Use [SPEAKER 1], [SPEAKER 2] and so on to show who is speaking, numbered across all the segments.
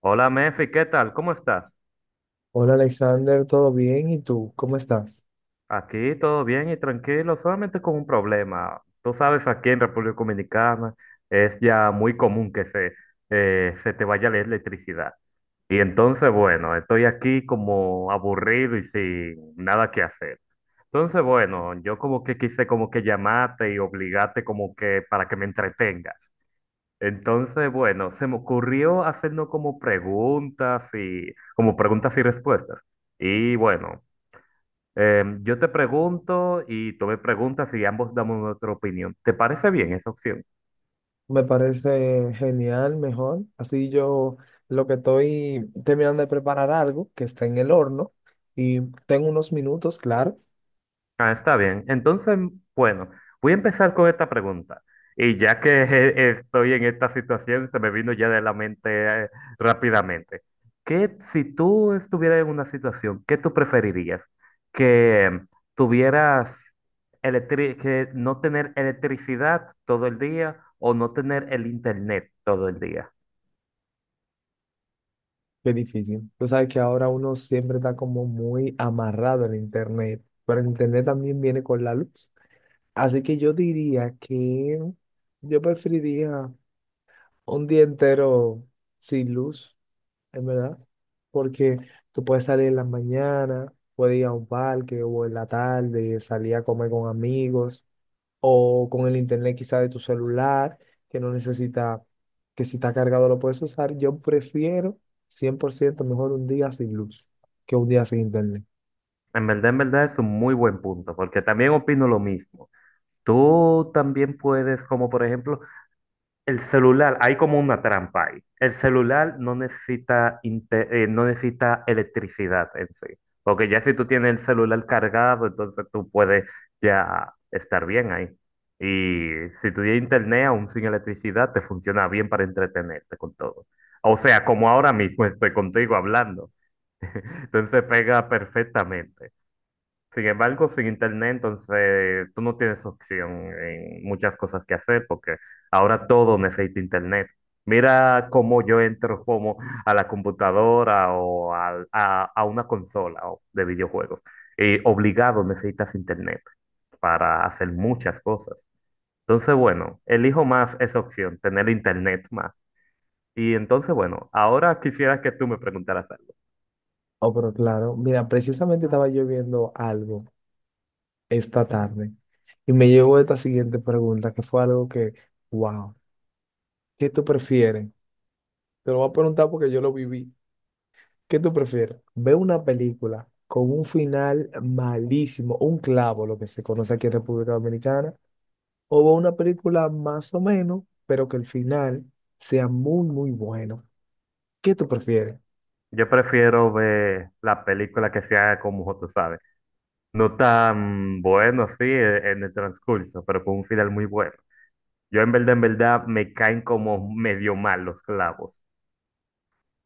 [SPEAKER 1] Hola Mefi, ¿qué tal? ¿Cómo estás?
[SPEAKER 2] Hola Alexander, ¿todo bien? ¿Y tú? ¿Cómo estás?
[SPEAKER 1] Aquí todo bien y tranquilo, solamente con un problema. Tú sabes, aquí en República Dominicana es ya muy común que se te vaya la electricidad. Y entonces, bueno, estoy aquí como aburrido y sin nada que hacer. Entonces, bueno, yo como que quise como que llamarte y obligarte como que para que me entretengas. Entonces, bueno, se me ocurrió hacernos como preguntas y respuestas. Y bueno. Yo te pregunto y tú me preguntas y ambos damos nuestra opinión. ¿Te parece bien esa opción?
[SPEAKER 2] Me parece genial, mejor. Así yo lo que estoy terminando de preparar algo que está en el horno y tengo unos minutos, claro.
[SPEAKER 1] Ah, está bien. Entonces, bueno, voy a empezar con esta pregunta. Y ya que estoy en esta situación, se me vino ya de la mente eh, rápidamente. ¿Qué si tú estuvieras en una situación, qué tú preferirías? ¿Que tuvieras que no tener electricidad todo el día o no tener el internet todo el día?
[SPEAKER 2] Qué difícil. Tú sabes que ahora uno siempre está como muy amarrado en internet, pero el internet también viene con la luz. Así que yo diría que yo preferiría un día entero sin luz. Es verdad, porque tú puedes salir en las mañanas, puedes ir a un parque o en la tarde, salir a comer con amigos o con el internet quizá de tu celular, que no necesita, que si está cargado lo puedes usar. Yo prefiero 100% mejor un día sin luz que un día sin internet.
[SPEAKER 1] En verdad es un muy buen punto, porque también opino lo mismo. Tú también puedes, como por ejemplo, el celular, hay como una trampa ahí. El celular no necesita, no necesita electricidad en sí, porque ya si tú tienes el celular cargado, entonces tú puedes ya estar bien ahí. Y si tú tienes internet, aún sin electricidad, te funciona bien para entretenerte con todo. O sea, como ahora mismo estoy contigo hablando, entonces pega perfectamente. Sin embargo, sin internet, entonces tú no tienes opción en muchas cosas que hacer porque ahora todo necesita internet. Mira cómo yo entro como a la computadora a una consola o de videojuegos. Y obligado necesitas internet para hacer muchas cosas. Entonces, bueno, elijo más esa opción, tener internet más. Y entonces, bueno, ahora quisiera que tú me preguntaras algo.
[SPEAKER 2] Oh, pero claro, mira, precisamente estaba yo viendo algo esta tarde y me llegó esta siguiente pregunta, que fue algo que, wow, ¿qué tú prefieres? Te lo voy a preguntar porque yo lo viví. ¿Qué tú prefieres? ¿Ver una película con un final malísimo, un clavo, lo que se conoce aquí en República Dominicana, o ver una película más o menos, pero que el final sea muy, muy bueno? ¿Qué tú prefieres?
[SPEAKER 1] Yo prefiero ver la película que sea como tú sabes. No tan bueno, sí, en el transcurso, pero con un final muy bueno. Yo en verdad, me caen como medio mal los clavos.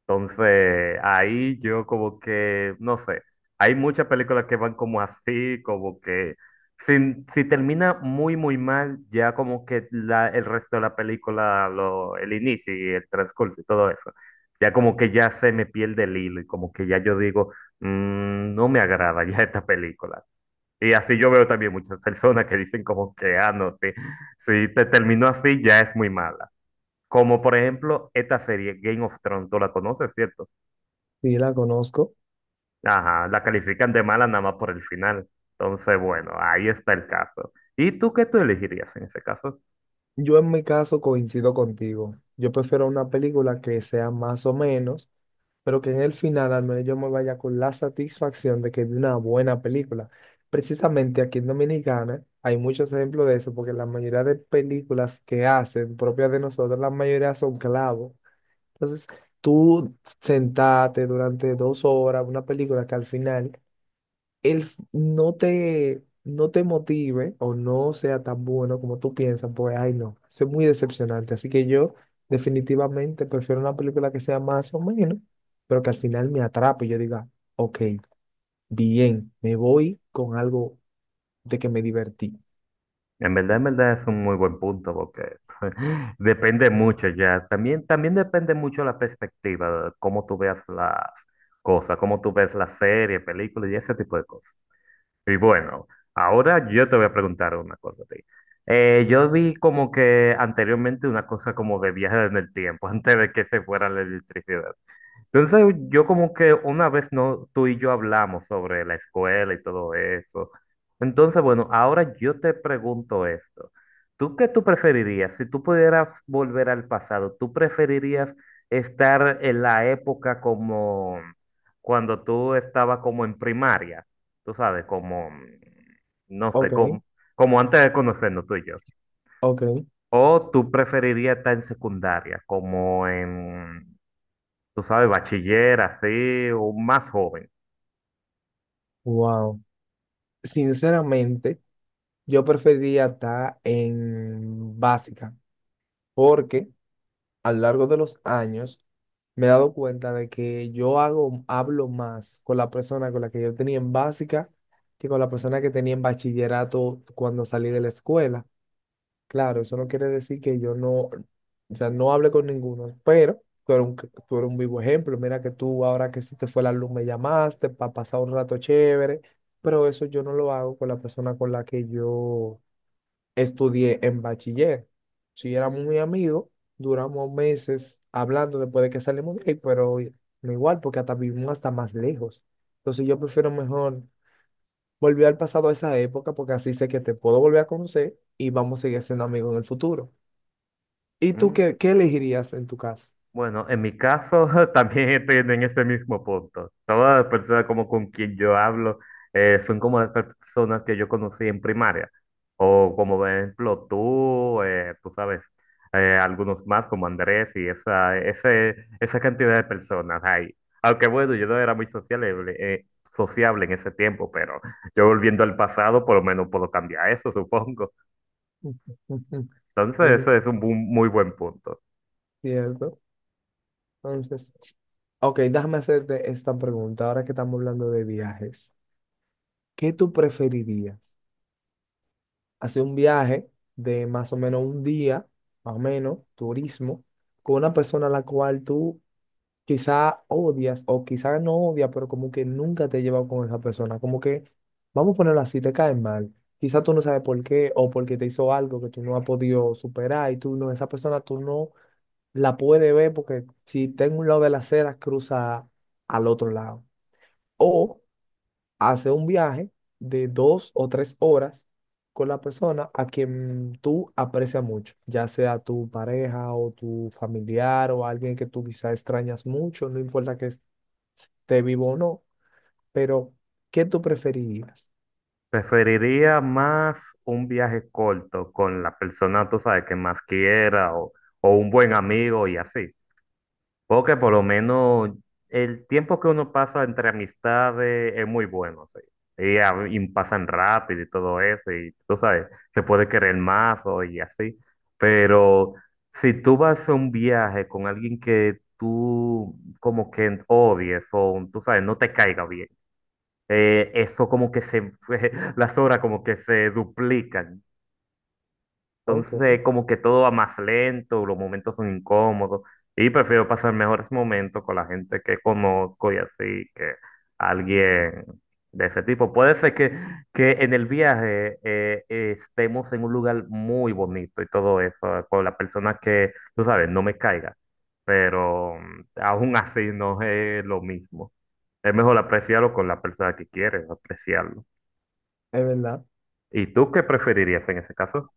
[SPEAKER 1] Entonces, ahí yo como que, no sé, hay muchas películas que van como así, como que si, si termina muy, muy mal, ya como que la, el resto de la película, lo, el inicio y el transcurso y todo eso, ya como que ya se me pierde el hilo y como que ya yo digo, "Mm, no me agrada ya esta película. Y así yo veo también muchas personas que dicen como que, ah, no, si, si te terminó así ya es muy mala. Como por ejemplo esta serie Game of Thrones, tú la conoces, ¿cierto?
[SPEAKER 2] Sí, la conozco.
[SPEAKER 1] Ajá, la califican de mala nada más por el final. Entonces, bueno, ahí está el caso. ¿Y tú qué tú elegirías en ese caso?
[SPEAKER 2] Yo en mi caso coincido contigo. Yo prefiero una película que sea más o menos, pero que en el final al menos yo me vaya con la satisfacción de que vi una buena película. Precisamente aquí en Dominicana hay muchos ejemplos de eso, porque la mayoría de películas que hacen propias de nosotros, la mayoría son clavos. Entonces, tú sentarte durante 2 horas, una película que al final no te motive o no sea tan bueno como tú piensas, pues, ay, no, eso es muy decepcionante. Así que yo definitivamente prefiero una película que sea más o menos, pero que al final me atrape y yo diga, ok, bien, me voy con algo de que me divertí.
[SPEAKER 1] En verdad es un muy buen punto porque depende mucho ya. También, también depende mucho la perspectiva, cómo tú veas las cosas, cómo tú ves las series, películas y ese tipo de cosas. Y bueno, ahora yo te voy a preguntar una cosa a ti. Yo vi como que anteriormente una cosa como de viajes en el tiempo, antes de que se fuera la electricidad. Entonces yo como que una vez no, tú y yo hablamos sobre la escuela y todo eso. Entonces, bueno, ahora yo te pregunto esto. ¿Tú qué tú preferirías? Si tú pudieras volver al pasado, ¿tú preferirías estar en la época como cuando tú estabas como en primaria? Tú sabes, como, mm, no sé,
[SPEAKER 2] Ok,
[SPEAKER 1] como, como antes de conocernos tú y yo.
[SPEAKER 2] ok,
[SPEAKER 1] ¿O tú preferirías estar en secundaria, como en tú sabes, bachiller, así, o más joven.
[SPEAKER 2] wow. Sinceramente, yo preferiría estar en básica, porque a lo largo de los años, me he dado cuenta de que yo hablo más con la persona con la que yo tenía en básica que con la persona que tenía en bachillerato cuando salí de la escuela. Claro, eso no quiere decir que yo no, o sea, no hable con ninguno, pero tú eres un vivo ejemplo. Mira que tú ahora que se te fue la luz me llamaste para pasar un rato chévere, pero eso yo no lo hago con la persona con la que yo estudié en bachiller. Si éramos muy amigos, duramos meses hablando después de que salimos de ahí, pero no igual, porque hasta vivimos hasta más lejos. Entonces yo prefiero mejor volver al pasado a esa época, porque así sé que te puedo volver a conocer y vamos a seguir siendo amigos en el futuro. ¿Y tú
[SPEAKER 1] Mm,
[SPEAKER 2] qué, qué elegirías en tu caso?
[SPEAKER 1] bueno, en mi caso también estoy en ese mismo punto. Todas las personas como con quien yo hablo son como las personas que yo conocí en primaria. O como por ejemplo tú, tú sabes, algunos más como Andrés y esa cantidad de personas ahí. Aunque bueno, yo no era muy sociable, sociable en ese tiempo, pero yo volviendo al pasado por lo menos puedo cambiar eso, supongo.
[SPEAKER 2] Ujú. Yo
[SPEAKER 1] Entonces, eso
[SPEAKER 2] no,
[SPEAKER 1] es un muy buen punto.
[SPEAKER 2] cierto. Entonces, ok, déjame hacerte esta pregunta, ahora que estamos hablando de viajes. ¿Qué tú preferirías? Hacer un viaje de más o menos un día, más o menos, turismo, con una persona a la cual tú quizá odias o quizá no odias, pero como que nunca te he llevado con esa persona, como que, vamos a ponerlo así, te cae mal. Quizá tú no sabes por qué o porque te hizo algo que tú no has podido superar y tú no, esa persona tú no la puedes ver porque si está en un lado de la acera cruza al otro lado. O hace un viaje de 2 o 3 horas con la persona a quien tú aprecias mucho, ya sea tu pareja o tu familiar o alguien que tú quizá extrañas mucho, no importa que esté vivo o no, pero ¿qué tú preferirías?
[SPEAKER 1] Preferiría más un viaje corto con la persona, tú sabes, que más quiera o un buen amigo y así. Porque por lo menos el tiempo que uno pasa entre amistades es muy bueno, sí. Y pasan rápido y todo eso, y tú sabes, se puede querer más o y así. Pero si tú vas a un viaje con alguien que tú como que odies o tú sabes, no te caiga bien, eso como que se, las horas como que se duplican.
[SPEAKER 2] Ok, es
[SPEAKER 1] Entonces, como que todo va más lento, los momentos son incómodos y prefiero pasar mejores momentos con la gente que conozco y así que alguien de ese tipo. Puede ser que en el viaje estemos en un lugar muy bonito y todo eso, con la persona que, tú sabes, no me caiga, pero mm, aún así no es lo mismo. Es mejor apreciarlo con la persona que quieres, apreciarlo.
[SPEAKER 2] verdad.
[SPEAKER 1] ¿Y tú qué preferirías en ese caso?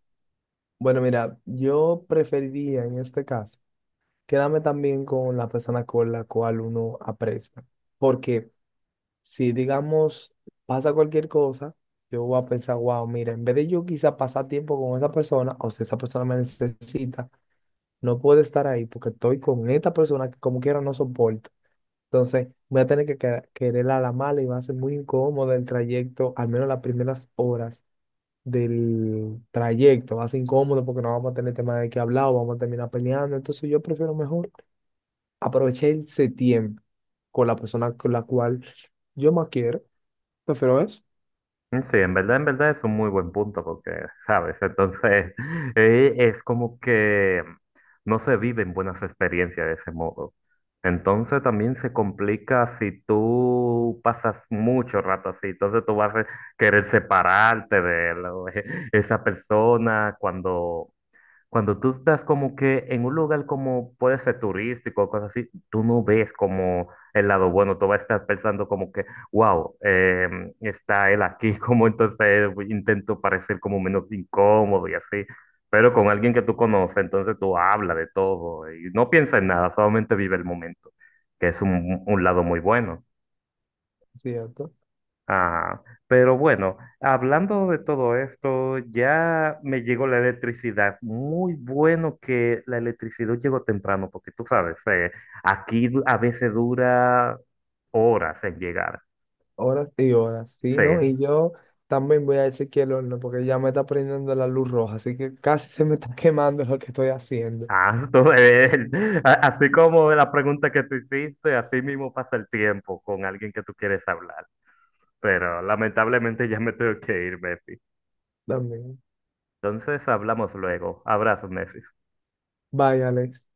[SPEAKER 2] Bueno, mira, yo preferiría en este caso quedarme también con la persona con la cual uno aprecia, porque si digamos pasa cualquier cosa, yo voy a pensar, wow, mira, en vez de yo quizá pasar tiempo con esa persona, o si esa persona me necesita, no puedo estar ahí porque estoy con esta persona que como quiera no soporto. Entonces voy a tener que querer a la mala y va a ser muy incómodo el trayecto, al menos las primeras horas del trayecto. Va a ser incómodo porque no vamos a tener tema de qué hablar o vamos a terminar peleando. Entonces yo prefiero mejor aprovechar ese tiempo con la persona con la cual yo más quiero. Prefiero eso.
[SPEAKER 1] Mm, sí, en verdad es un muy buen punto porque, ¿sabes? Entonces, es como que no se viven buenas experiencias de ese modo. Entonces también se complica si tú pasas mucho rato así. Entonces tú vas a querer separarte de esa persona cuando cuando tú estás como que en un lugar como puede ser turístico o cosas así, tú no ves como el lado bueno, tú vas a estar pensando como que, wow, está él aquí, como entonces intento parecer como menos incómodo y así, pero con alguien que tú conoces, entonces tú hablas de todo y no piensas en nada, solamente vive el momento, que es un lado muy bueno.
[SPEAKER 2] Cierto.
[SPEAKER 1] Ah, pero bueno, hablando de todo esto, ya me llegó la electricidad. Muy bueno que la electricidad llegó temprano, porque tú sabes, aquí a veces dura horas en llegar.
[SPEAKER 2] Horas y horas, sí,
[SPEAKER 1] Sí,
[SPEAKER 2] ¿no? Y yo también voy a decir que el horno, porque ya me está prendiendo la luz roja, así que casi se me está quemando lo que estoy haciendo
[SPEAKER 1] ah, así como la pregunta que tú hiciste, así mismo pasa el tiempo con alguien que tú quieres hablar. Pero lamentablemente ya me tengo que ir, Messi.
[SPEAKER 2] también.
[SPEAKER 1] Entonces hablamos luego. Abrazo, Messi.
[SPEAKER 2] Vaya, Alex.